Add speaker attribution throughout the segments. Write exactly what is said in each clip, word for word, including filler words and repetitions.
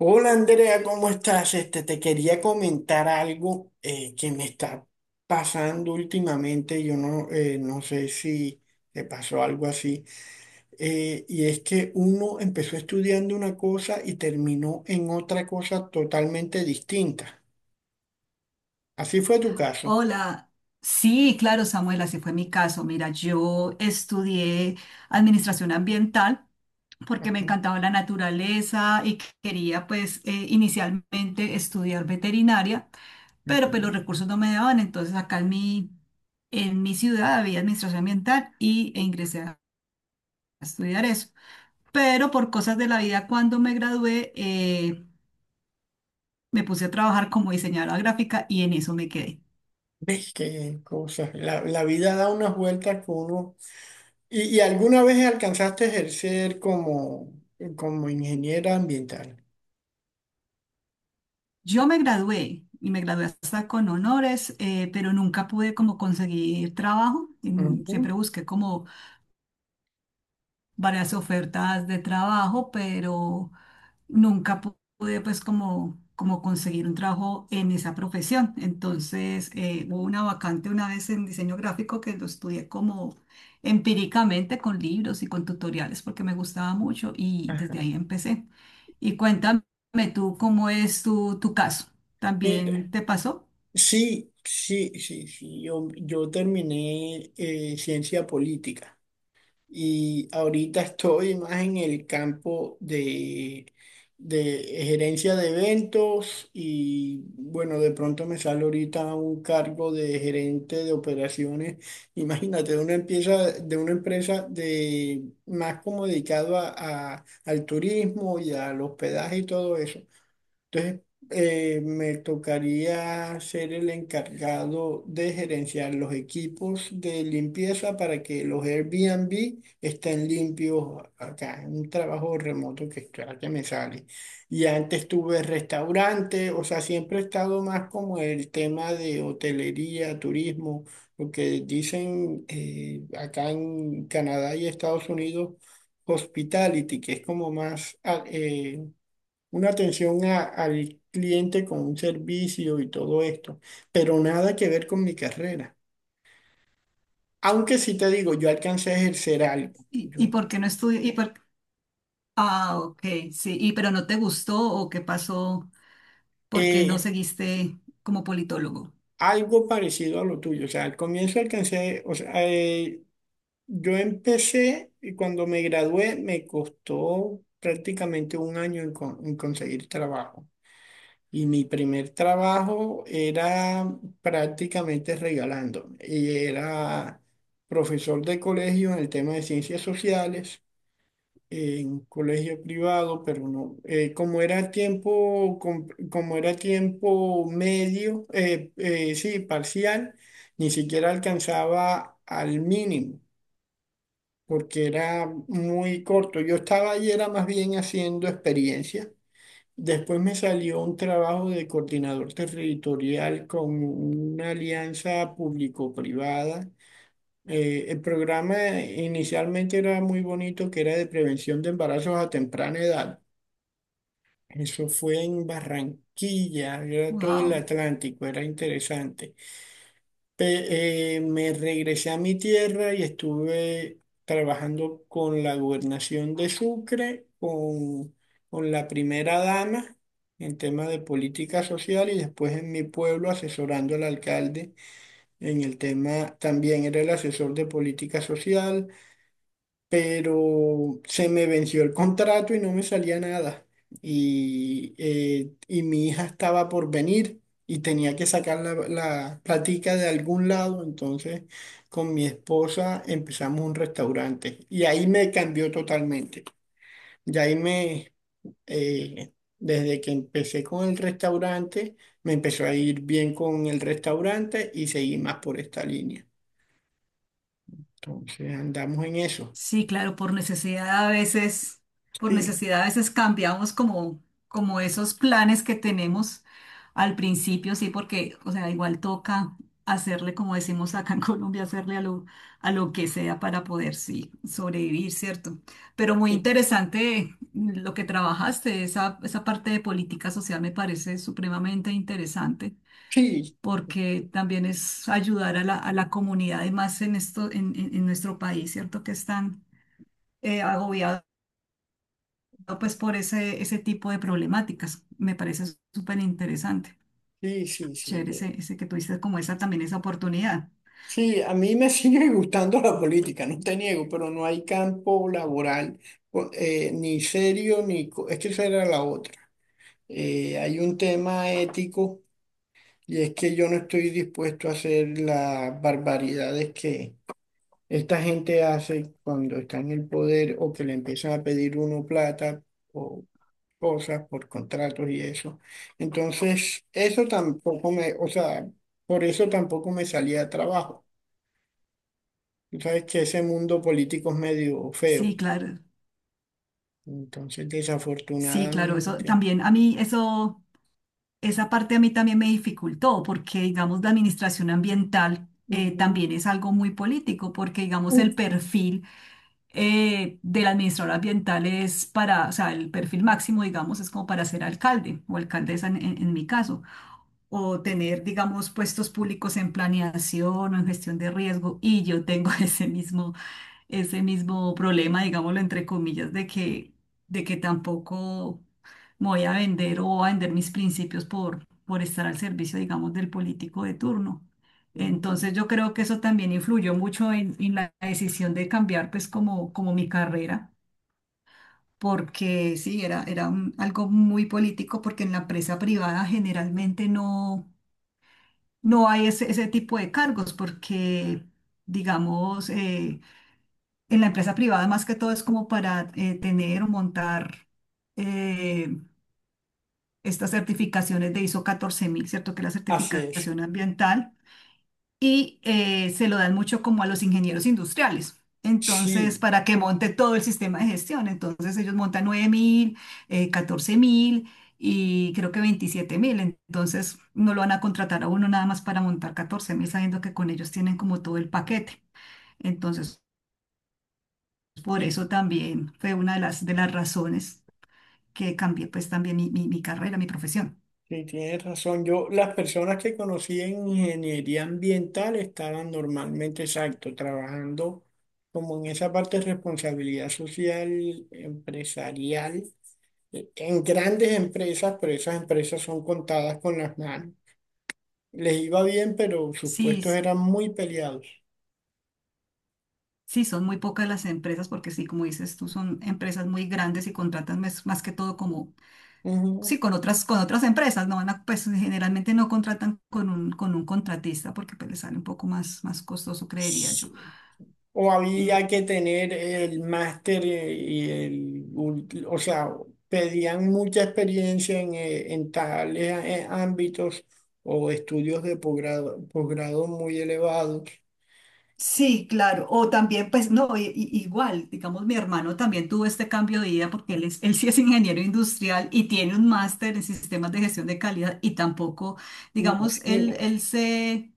Speaker 1: Hola Andrea, ¿cómo estás? Este, te quería comentar algo, eh, que me está pasando últimamente. Yo no, eh, No sé si te pasó algo así. Eh, y es que uno empezó estudiando una cosa y terminó en otra cosa totalmente distinta. Así fue tu caso.
Speaker 2: Hola, sí, claro, Samuel, así fue mi caso. Mira, yo estudié administración ambiental porque me
Speaker 1: Ajá,
Speaker 2: encantaba la naturaleza y quería pues eh, inicialmente estudiar veterinaria, pero pues
Speaker 1: ujú.
Speaker 2: los recursos no me daban, entonces acá en mi, en mi ciudad había administración ambiental y e ingresé a estudiar eso. Pero por cosas de la vida, cuando me gradué, eh, me puse a trabajar como diseñadora gráfica y en eso me quedé.
Speaker 1: ¿Ves qué cosas? La, la vida da unas vueltas que uno... ¿Y, y alguna vez alcanzaste a ejercer como, como ingeniera ambiental?
Speaker 2: Yo me gradué y me gradué hasta con honores, eh, pero nunca pude como conseguir trabajo. Mm,
Speaker 1: Ujú.
Speaker 2: Siempre busqué como varias ofertas de trabajo, pero nunca pu- pude pues como, como conseguir un trabajo en esa profesión. Entonces eh, hubo una vacante una vez en diseño gráfico que lo estudié como empíricamente con libros y con tutoriales porque me gustaba mucho y desde
Speaker 1: Ajá.
Speaker 2: ahí empecé. Y cuéntame tú cómo es tu, tu caso.
Speaker 1: Mira,
Speaker 2: ¿También te pasó?
Speaker 1: sí, sí, sí, sí. Yo, yo terminé eh, ciencia política y ahorita estoy más en el campo de, de gerencia de eventos y bueno, de pronto me sale ahorita un cargo de gerente de operaciones. Imagínate, de una empresa, de una empresa de más como dedicado a, a- al turismo y al hospedaje y todo eso. Entonces, eh, me tocaría ser el encargado de gerenciar los equipos de limpieza para que los Airbnb estén limpios acá, un trabajo remoto que estoy- que me sale. Y antes tuve restaurante, o sea, siempre he estado más como el tema de hotelería, turismo, lo que dicen, eh, acá en Canadá y Estados Unidos, hospitality, que es como más... ah, eh, una atención a- al cliente con un servicio y todo esto, pero nada que ver con mi carrera. Aunque sí te digo, yo alcancé a ejercer algo,
Speaker 2: ¿Y, y
Speaker 1: yo,
Speaker 2: por qué no estudié? ¿Y por... Ah, ok, sí. ¿Y pero no te gustó o qué pasó? ¿Por qué no
Speaker 1: eh,
Speaker 2: seguiste como politólogo?
Speaker 1: algo parecido a lo tuyo, o sea, al comienzo alcancé, o sea, eh, yo empecé y cuando me gradué me costó prácticamente un año en, con- en conseguir trabajo. Y mi primer trabajo era prácticamente regalando. Y era profesor de colegio en el tema de ciencias sociales, en colegio privado, pero no, eh, como era tiempo, com- como era tiempo medio, eh, eh, sí, parcial, ni siquiera alcanzaba al mínimo, porque era muy corto. Yo estaba ahí, era más bien haciendo experiencia. Después me salió un trabajo de coordinador territorial con una alianza público-privada. Eh, el programa inicialmente era muy bonito, que era de prevención de embarazos a temprana edad. Eso fue en Barranquilla, era todo el
Speaker 2: Wow.
Speaker 1: Atlántico, era interesante. Pe- eh, me regresé a mi tierra y estuve trabajando con la gobernación de Sucre, con, con la primera dama en tema de política social y después en mi pueblo asesorando al alcalde en el tema, también era el asesor de política social, pero se me venció el contrato y no me salía nada. Y, eh, y mi hija estaba por venir y tenía que sacar la, la platica de algún lado, entonces con mi esposa empezamos un restaurante y ahí me cambió totalmente. Y ahí me, eh, Desde que empecé con el restaurante, me empezó a ir bien con el restaurante y seguí más por esta línea. Entonces andamos en eso.
Speaker 2: Sí, claro, por necesidad a veces, por
Speaker 1: Sí.
Speaker 2: necesidad a veces cambiamos como, como esos planes que tenemos al principio, sí, porque, o sea, igual toca hacerle, como decimos acá en Colombia, hacerle a lo, a lo que sea para poder, sí, sobrevivir, ¿cierto? Pero muy
Speaker 1: Sí,
Speaker 2: interesante lo que trabajaste, esa, esa parte de política social me parece supremamente interesante
Speaker 1: sí.
Speaker 2: porque también es ayudar a la, a la comunidad, además en esto, en, en en nuestro país, ¿cierto? Que están eh, agobiado pues por ese, ese tipo de problemáticas. Me parece súper interesante.
Speaker 1: Sí, sí, sí.
Speaker 2: Chévere
Speaker 1: eh,
Speaker 2: ese, ese que tuviste como esa también esa oportunidad.
Speaker 1: Sí, a mí me sigue gustando la política, no te niego, pero no hay campo laboral co- eh, ni serio ni... co- Es que esa era la otra. Eh, hay un tema ético y es que yo no estoy dispuesto a hacer las barbaridades que esta gente hace cuando está en el poder o que le empiezan a pedir uno plata o cosas por contratos y eso. Entonces, eso tampoco me... O sea, por eso tampoco me salía de trabajo. Tú sabes que ese mundo político es medio
Speaker 2: Sí,
Speaker 1: feo.
Speaker 2: claro.
Speaker 1: Entonces,
Speaker 2: Sí, claro, eso
Speaker 1: desafortunadamente.
Speaker 2: también a mí eso esa parte a mí también me dificultó porque digamos la administración ambiental eh,
Speaker 1: Ujú.
Speaker 2: también es algo muy político porque digamos
Speaker 1: Uf,
Speaker 2: el perfil eh, del administrador ambiental es para, o sea, el perfil máximo digamos es como para ser alcalde o alcaldesa en en- en mi caso. O tener, digamos, puestos públicos en planeación o en gestión de riesgo. Y yo tengo ese mismo, ese mismo problema, digámoslo entre comillas, de que, de que tampoco me voy a vender o a vender mis principios por, por estar al servicio, digamos, del político de turno.
Speaker 1: ujú.
Speaker 2: Entonces yo creo que eso también influyó mucho en, en la decisión de cambiar, pues, como, como mi carrera. Porque sí, era, era un- algo muy político, porque en la empresa privada generalmente no, no hay ese, ese tipo de cargos porque, digamos, eh, en la empresa privada más que todo es como para eh, tener o montar eh, estas certificaciones de ISO catorce mil, ¿cierto? Que es la
Speaker 1: Así es.
Speaker 2: certificación ambiental y eh, se lo dan mucho como a los ingenieros industriales. Entonces,
Speaker 1: Sí,
Speaker 2: para que monte todo el sistema de gestión. Entonces, ellos montan nueve mil, eh, catorce mil y creo que veintisiete mil. Entonces, no lo van a contratar a uno nada más para montar catorce mil sabiendo que con ellos tienen como todo el paquete. Entonces, por
Speaker 1: sí,
Speaker 2: eso también fue una de las, de las razones que cambie pues también mi, mi, mi carrera, mi profesión.
Speaker 1: sí, tienes razón. Yo, las personas que conocí en ingeniería ambiental estaban normalmente, exacto, trabajando como en esa parte de responsabilidad social, empresarial, eh, en grandes empresas, pero esas empresas son contadas con las manos. Les iba bien, pero sus
Speaker 2: Sí,
Speaker 1: puestos
Speaker 2: s-
Speaker 1: eran muy peleados.
Speaker 2: sí, son muy pocas las empresas porque sí, como dices tú, son empresas muy grandes y contratan mes- más, que todo como,
Speaker 1: Ujú.
Speaker 2: sí, con otras, con otras empresas, no van a, pues generalmente no contratan con un, con un contratista porque pues, les sale un poco más, más costoso, creería yo.
Speaker 1: Sí. O había que tener el máster, eh, y el, ulti- o sea, pedían mucha experiencia en, eh, en tales, eh, ámbitos o estudios de posgrado, posgrado muy elevados.
Speaker 2: Sí, claro. O también, pues, no, i- i- igual, digamos, mi hermano también tuvo este cambio de vida porque él, es, él sí es ingeniero industrial y tiene un máster en sistemas de gestión de calidad y tampoco, digamos, él,
Speaker 1: Imagínate.
Speaker 2: él se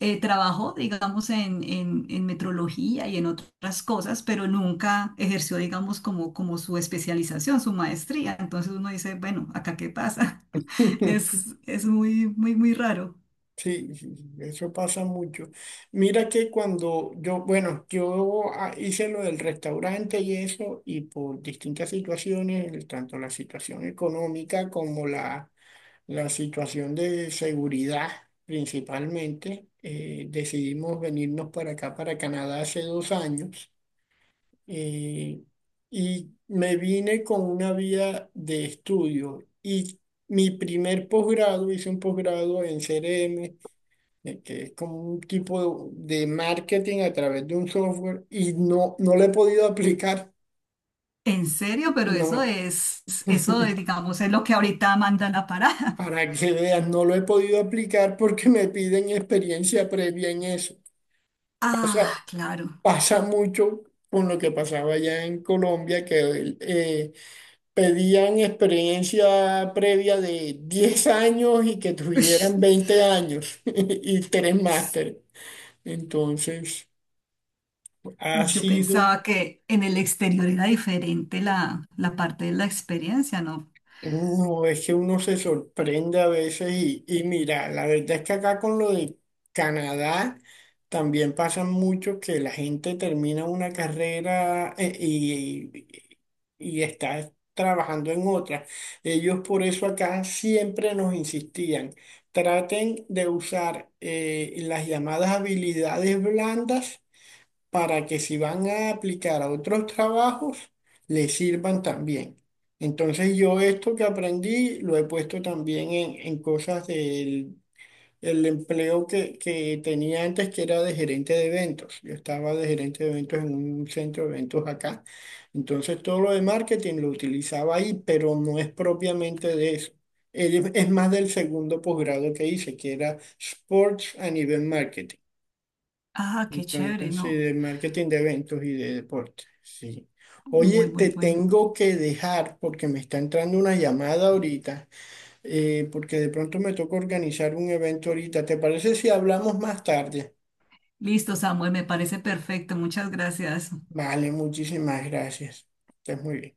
Speaker 2: eh, trabajó, digamos, en, en, en metrología y en otras cosas, pero nunca ejerció, digamos, como, como su especialización, su maestría. Entonces uno dice, bueno, ¿acá qué pasa? Es, es muy, muy, muy raro.
Speaker 1: Sí, sí, sí, eso pasa mucho. Mira que cuando yo, bueno, yo, ah, hice lo del restaurante y eso, y por distintas situaciones, el- tanto la situación económica como la la situación de seguridad principalmente. Eh, decidimos venirnos para acá, para Canadá, hace dos años, eh, y me vine con una vía de estudio y mi primer posgrado, hice un posgrado en C R M, eh, que es como un tipo de marketing a través de un software y no, no lo he podido aplicar,
Speaker 2: En serio, pero eso
Speaker 1: no.
Speaker 2: es, eso es, digamos, es lo que ahorita manda la parada.
Speaker 1: Para que veas, no lo he podido aplicar porque me piden experiencia previa en eso. pasa
Speaker 2: Ah, claro.
Speaker 1: Pasa mucho con lo que pasaba allá en Colombia, que eh, pedían experiencia previa de diez años y que
Speaker 2: Ush.
Speaker 1: tuvieran veinte años y tres másteres. Entonces, ha
Speaker 2: Yo
Speaker 1: sido...
Speaker 2: pensaba que en el exterior era diferente la, la parte de la experiencia, ¿no?
Speaker 1: No, es que uno se sorprende a veces y, y mira, la verdad es que acá con lo de Canadá también pasa mucho que la gente termina una carrera, eh, y, y está trabajando en otra. Ellos por eso acá siempre nos insistían, traten de usar, eh, las llamadas habilidades blandas para que si van a aplicar a otros trabajos, les sirvan también. Entonces yo esto que aprendí lo he puesto también en, en cosas del el empleo que, que tenía antes, que era de gerente de eventos. Yo estaba de gerente de eventos en un centro de eventos acá. Entonces todo lo de marketing lo utilizaba ahí, pero no es propiamente de eso. Es es más del segundo posgrado que hice, que era Sports and event marketing.
Speaker 2: Ah, qué chévere,
Speaker 1: Entonces, sí,
Speaker 2: no.
Speaker 1: de marketing de eventos y de deporte, sí. Oye,
Speaker 2: Muy, muy
Speaker 1: te
Speaker 2: bueno.
Speaker 1: tengo que dejar porque me está entrando una llamada ahorita, eh, porque de pronto me toca organizar un evento ahorita. ¿Te parece si hablamos más tarde?
Speaker 2: Listo, Samuel, me parece perfecto. Muchas gracias.
Speaker 1: Vale, muchísimas gracias. Estás muy bien.